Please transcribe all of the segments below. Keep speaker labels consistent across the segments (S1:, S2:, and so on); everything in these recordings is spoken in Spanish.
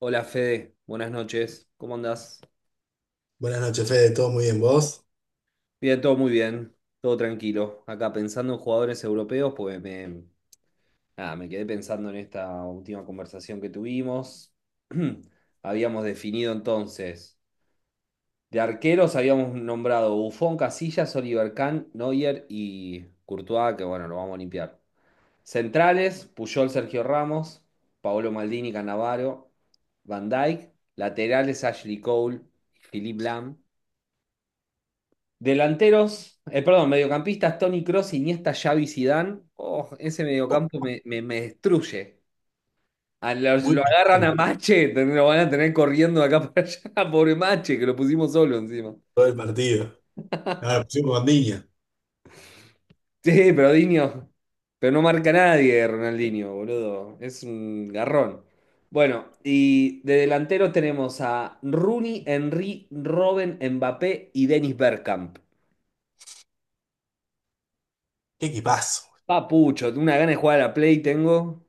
S1: Hola Fede, buenas noches, ¿cómo andás?
S2: Buenas noches, Fede. ¿Todo muy bien vos?
S1: Bien, todo muy bien, todo tranquilo. Acá pensando en jugadores europeos, pues me, nada, me quedé pensando en esta última conversación que tuvimos. Habíamos definido entonces, de arqueros habíamos nombrado Buffon, Casillas, Oliver Kahn, Neuer y Courtois, que bueno, lo vamos a limpiar. Centrales, Puyol, Sergio Ramos, Paolo Maldini, Cannavaro, Van Dijk. Laterales, Ashley Cole, Philippe Lam. Delanteros, perdón, mediocampistas, Toni Kroos, Iniesta, Xavi, Zidane. Oh, ese
S2: Oh,
S1: mediocampo me destruye.
S2: muy
S1: Lo agarran
S2: picante
S1: a Mache, lo van a tener corriendo de acá para allá. Pobre Mache, que lo pusimos solo encima.
S2: todo el partido. Ahora pusimos con Diña.
S1: Sí, pero Diño, pero no marca nadie Ronaldinho, boludo. Es un garrón. Bueno, y de delanteros tenemos a Rooney, Henry, Robben, Mbappé y Dennis Bergkamp.
S2: Qué equipazo.
S1: Papucho, una gana de jugar a la Play tengo.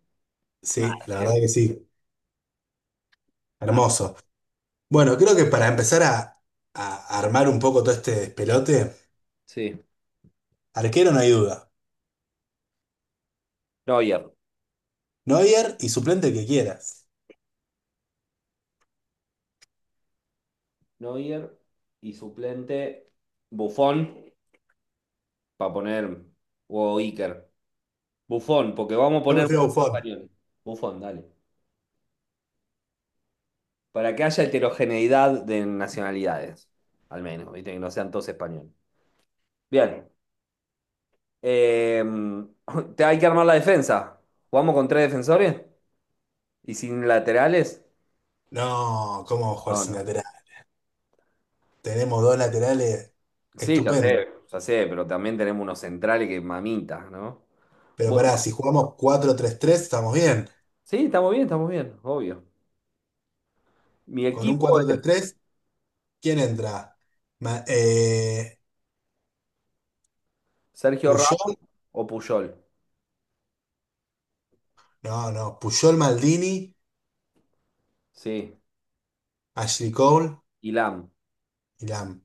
S1: Mal,
S2: Sí, la
S1: ¿eh?
S2: verdad que sí.
S1: Mal,
S2: Hermoso. Bueno, creo que para empezar a armar un poco todo este despelote,
S1: sí.
S2: arquero no hay duda.
S1: Neuer.
S2: Neuer y suplente el que quieras.
S1: Neuer y suplente Buffon, para poner, o Iker. Buffon, porque vamos a
S2: Yo
S1: poner
S2: prefiero
S1: mucho en
S2: Buffon.
S1: español. Buffon, dale. Para que haya heterogeneidad de nacionalidades, al menos, ¿viste? Que no sean todos españoles. Bien. eh, Te hay que armar la defensa. ¿Jugamos con tres defensores? ¿Y sin laterales?
S2: No, ¿cómo vamos a jugar
S1: No,
S2: sin
S1: no.
S2: lateral? Tenemos dos laterales
S1: Sí,
S2: estupendo.
S1: ya sé, pero también tenemos unos centrales que mamitas, ¿no?
S2: Pero pará,
S1: Bueno,
S2: si jugamos cuatro tres tres estamos bien.
S1: sí, estamos bien, obvio. Mi
S2: Con un
S1: equipo
S2: cuatro tres tres, ¿quién entra? Ma- eh,
S1: Sergio Ramos
S2: Puyol.
S1: o Puyol.
S2: No, no. Puyol, Maldini,
S1: Sí.
S2: Ashley Cole
S1: Y Lam.
S2: y Lam.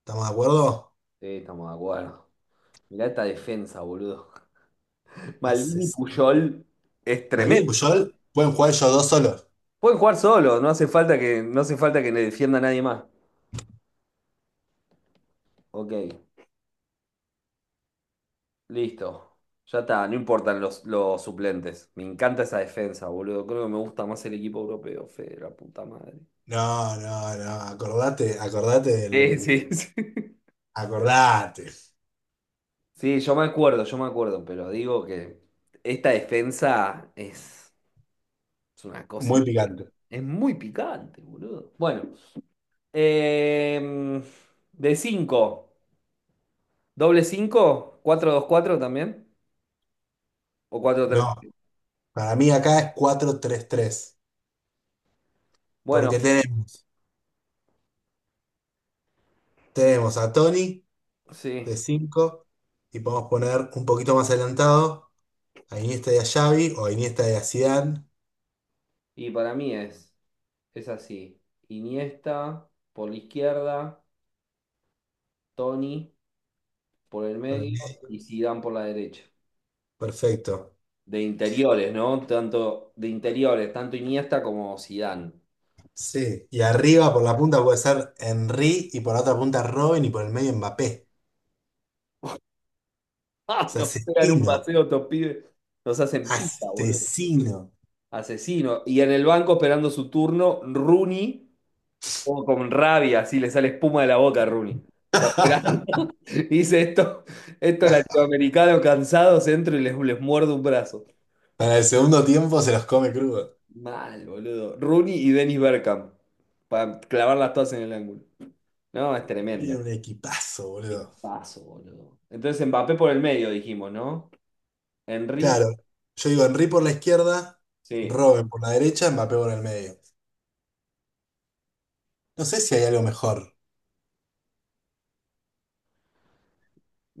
S2: ¿Estamos de acuerdo?
S1: Sí, estamos de acuerdo. Mirá esta defensa, boludo. Maldini y
S2: Asesino.
S1: Puyol es
S2: Maldini y
S1: tremendo.
S2: Puyol pueden jugar ellos dos solos.
S1: Pueden jugar solo, no hace falta que le defienda a nadie más. Ok, listo. Ya está, no importan los suplentes. Me encanta esa defensa, boludo. Creo que me gusta más el equipo europeo, Fede, la puta madre.
S2: No, no, no. Acordate, acordate
S1: Sí,
S2: del.
S1: sí, sí.
S2: Acordate.
S1: Sí, yo me acuerdo, pero digo que esta defensa es una cosa.
S2: Muy picante.
S1: Es muy picante, boludo. Bueno, em, de cinco, doble cinco, cuatro dos cuatro también, o cuatro tres.
S2: No, para mí acá es cuatro tres tres. Porque
S1: Bueno,
S2: tenemos, Tenemos a Tony
S1: sí,
S2: de 5 y podemos poner un poquito más adelantado a Iniesta y a Xavi o a Iniesta y a Zidane.
S1: y para mí es, es así. Iniesta por la izquierda, Toni por el medio y Zidane por la derecha.
S2: Perfecto.
S1: De interiores, ¿no? Tanto de interiores, tanto Iniesta como Zidane.
S2: Sí, y arriba por la punta puede ser Henry y por la otra punta Robin y por el medio Mbappé.
S1: Ah,
S2: O
S1: nos pegan un
S2: asesino,
S1: paseo, estos pibes. Nos hacen pita, boludo.
S2: asesino.
S1: Asesino. Y en el banco esperando su turno, Rooney, como con rabia, así le sale espuma de la boca a Rooney. Está esperando. Dice esto, estos latinoamericanos cansados, entro y les muerdo un brazo.
S2: Para el segundo tiempo se los come crudo.
S1: Mal, boludo. Rooney y Dennis Bergkamp. Para clavarlas todas en el ángulo. No, es
S2: Tiene
S1: tremendo.
S2: un equipazo, boludo.
S1: Paso, boludo. Entonces Mbappé por el medio, dijimos, ¿no? Henry,
S2: Claro, yo digo Henry por la izquierda,
S1: sí.
S2: Robin por la derecha, Mbappé por el medio. No sé si hay algo mejor.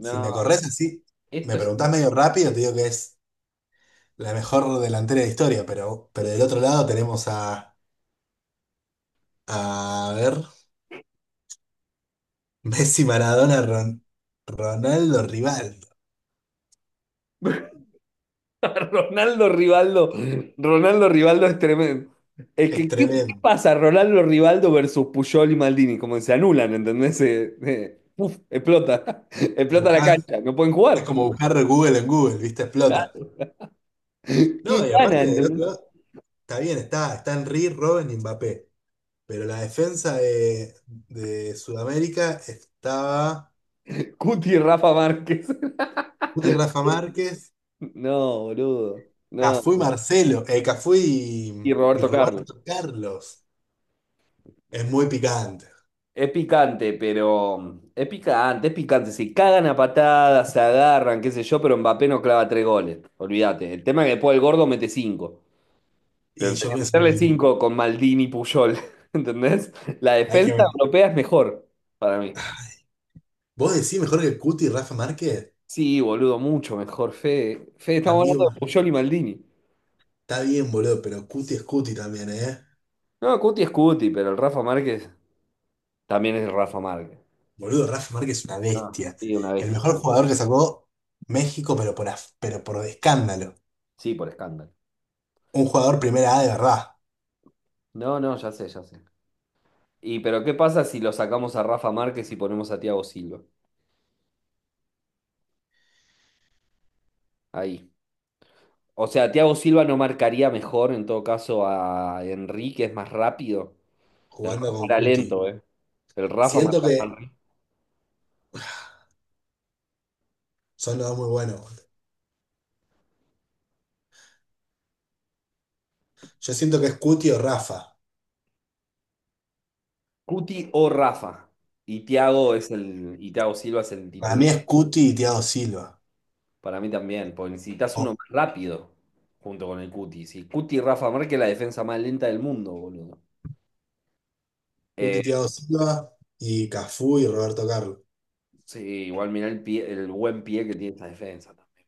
S2: Si me corres así, me
S1: esto es.
S2: preguntás medio rápido, te digo que es la mejor delantera de historia, pero del otro lado tenemos a... A ver. Messi, Maradona, Ron- Ronaldo, Rivaldo.
S1: Ronaldo Rivaldo, Ronaldo Rivaldo es tremendo. Es
S2: Es
S1: que, ¿qué
S2: tremendo.
S1: pasa? Ronaldo Rivaldo versus Puyol y Maldini, como se anulan, ¿entendés? Uf, explota, explota la
S2: Buscar,
S1: cancha, no pueden
S2: es
S1: jugar.
S2: como buscar Google en Google, ¿viste? Explota.
S1: ¿Quién
S2: No, y
S1: gana,
S2: aparte del
S1: entendés?
S2: otro lado, está bien, está, están Henry, Robben y Mbappé. Pero la defensa de Sudamérica estaba
S1: Cuti y Rafa Márquez.
S2: Guti, Rafa Márquez,
S1: No, boludo, no.
S2: Cafú
S1: Y
S2: y
S1: Roberto Carlos.
S2: Roberto Carlos. Es muy picante.
S1: Es picante, pero es picante, es picante. Se cagan a patadas, se agarran, qué sé yo, pero Mbappé no clava tres goles. Olvídate. El tema es que después el gordo mete cinco.
S2: Y
S1: Pero
S2: yo
S1: tenía que
S2: pienso lo
S1: meterle
S2: mismo.
S1: 5 con Maldini, y Puyol, ¿entendés? La
S2: Hay que,
S1: defensa europea es mejor para mí.
S2: vos decís mejor que Cuti y Rafa Márquez,
S1: Sí, boludo, mucho mejor, Fede. Fede, estamos hablando
S2: amigo.
S1: de Puyol y Maldini.
S2: Está bien, boludo, pero Cuti es Cuti también, ¿eh?
S1: No, Cuti es Cuti, pero el Rafa Márquez también es Rafa Márquez.
S2: Boludo, Rafa Márquez es una
S1: No,
S2: bestia.
S1: sí, una
S2: El
S1: bestia.
S2: mejor jugador que sacó México, pero por escándalo.
S1: Sí, por escándalo.
S2: Un jugador primera A de verdad,
S1: No, no, ya sé, ya sé. Y pero ¿qué pasa si lo sacamos a Rafa Márquez y ponemos a Thiago Silva? Ahí. O sea, Thiago Silva no marcaría mejor, en todo caso, a Enrique, es más rápido. El
S2: jugando
S1: Rafa
S2: con
S1: era
S2: Cuti.
S1: lento, eh. El Rafa
S2: Siento
S1: marca a
S2: que
S1: Manri.
S2: son los dos muy buenos, boludo. Yo siento que es Cuti o Rafa.
S1: Cuti o Rafa. Y Thiago Silva es el
S2: Para
S1: titular.
S2: mí es Cuti y Thiago Silva.
S1: Para mí también, porque necesitas uno
S2: O
S1: más rápido junto con el Cuti. Si Cuti y Rafa Márquez es la defensa más lenta del mundo, boludo. Eh,
S2: Cuti, Thiago Silva y Cafú y Roberto Carlos.
S1: sí, igual mirá el buen pie que tiene esa defensa también.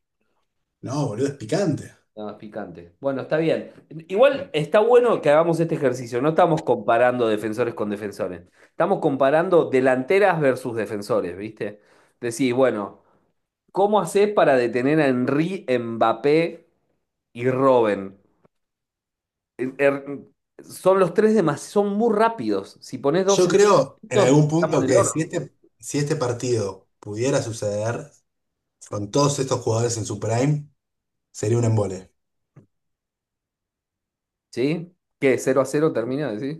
S2: No, boludo, es picante.
S1: Nada más picante. Bueno, está bien. Igual está bueno que hagamos este ejercicio. No estamos comparando defensores con defensores. Estamos comparando delanteras versus defensores, ¿viste? Decís, bueno, ¿cómo hace para detener a Henry, Mbappé y Robben? Eh, eh, Son los tres demás, son muy rápidos. Si pones dos
S2: Yo
S1: en
S2: creo en
S1: estamos
S2: algún
S1: en
S2: punto
S1: el
S2: que
S1: horno.
S2: si este partido pudiera suceder. Con todos estos jugadores en su prime, sería un embole.
S1: ¿Sí? ¿Qué? ¿Cero a cero termina? ¿Sí?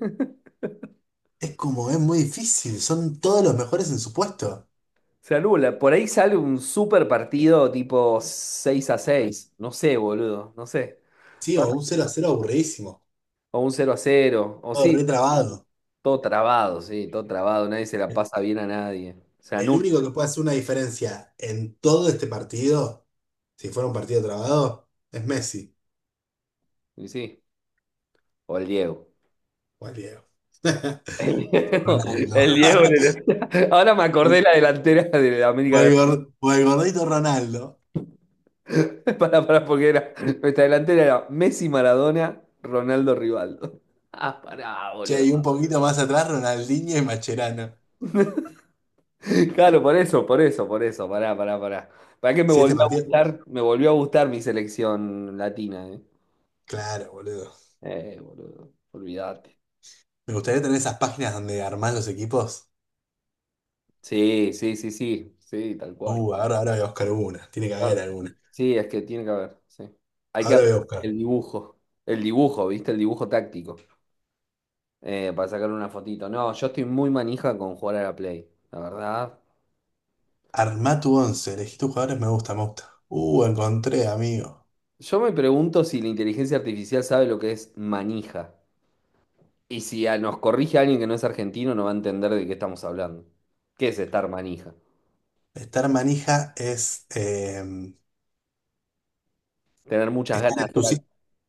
S2: Es como, es muy difícil, son todos los mejores en su puesto.
S1: Se anula. Por ahí sale un super partido tipo 6 a seis. No sé, boludo. No sé.
S2: Sí, o
S1: Pasa-
S2: un 0 a 0 aburridísimo,
S1: O un cero a cero. O
S2: todo
S1: sí,
S2: retrabado.
S1: todo trabado, sí, todo trabado. Nadie se la
S2: El
S1: pasa bien a nadie. Se anula.
S2: único que puede hacer una diferencia en todo este partido, si fuera un partido trabado, es Messi
S1: Y sí. O el Diego.
S2: o el Diego.
S1: El
S2: Ronaldo.
S1: Diego. Ahora me acordé
S2: Un-
S1: la delantera de la América Latina.
S2: O el gordito Ronaldo.
S1: Para, porque era. Nuestra delantera era Messi, Maradona, Ronaldo, Rivaldo. Ah, pará,
S2: Che,
S1: boludo.
S2: y un poquito más atrás, Ronaldinho y Macherano.
S1: Claro, por eso, por eso, por eso. Pará, pará, pará. ¿Para qué me
S2: Si este
S1: volvió a
S2: partido.
S1: gustar? Me volvió a gustar mi selección latina, ¿eh?
S2: Claro, boludo.
S1: Boludo. Olvídate.
S2: Me gustaría tener esas páginas donde armás los equipos.
S1: Sí, sí, sí, sí. Sí, tal cual.
S2: Ahora voy a buscar una. Tiene que
S1: Ah,
S2: haber alguna.
S1: sí, es que tiene que haber. Sí. Hay que
S2: Ahora
S1: armar
S2: voy a buscar.
S1: el dibujo. El dibujo, ¿viste? El dibujo táctico. Para sacarle una fotito. No, yo estoy muy manija con jugar a la Play, la verdad.
S2: Armá tu once. Elegí tus jugadores. Me gusta, me gusta. Encontré, amigo.
S1: Yo me pregunto si la inteligencia artificial sabe lo que es manija. Y si a- nos corrige alguien que no es argentino, no va a entender de qué estamos hablando. ¿Qué es estar manija?
S2: Estar manija es...
S1: Tener muchas ganas de hacer algo.
S2: entusi-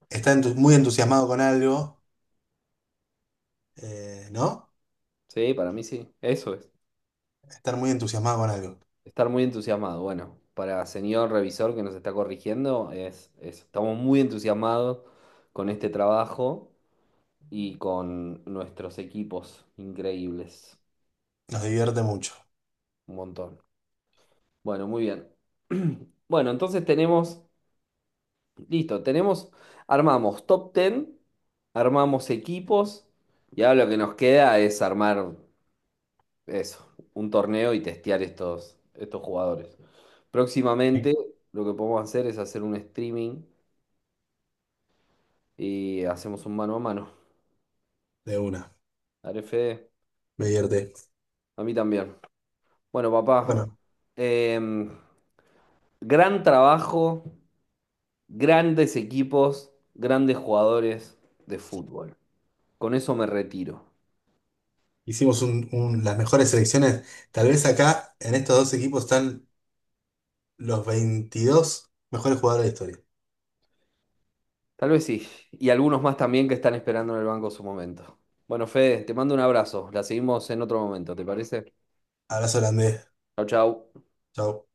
S2: muy entusiasmado con algo, ¿no?
S1: Sí, para mí sí. Eso es.
S2: Estar muy entusiasmado con algo.
S1: Estar muy entusiasmado. Bueno, para señor revisor que nos está corrigiendo, estamos muy entusiasmados con este trabajo y con nuestros equipos increíbles.
S2: Nos divierte mucho.
S1: Un montón. Bueno, muy bien. Bueno, tenemos, armamos top 10, armamos equipos y ahora lo que nos queda es armar eso, un torneo y testear estos jugadores. Próximamente lo que podemos hacer es hacer un streaming y hacemos un mano a mano.
S2: De una.
S1: Dale, Fede,
S2: Me divierte.
S1: a mí también. Bueno, papá,
S2: Bueno,
S1: em, gran trabajo, grandes equipos, grandes jugadores de fútbol. Con eso me retiro.
S2: hicimos las mejores selecciones. Tal vez acá, en estos dos equipos, están los 22 mejores jugadores de la historia.
S1: Tal vez sí. Y algunos más también que están esperando en el banco su momento. Bueno, Fede, te mando un abrazo. La seguimos en otro momento, ¿te parece?
S2: Abrazo holandés.
S1: Chau, chau.
S2: Chau.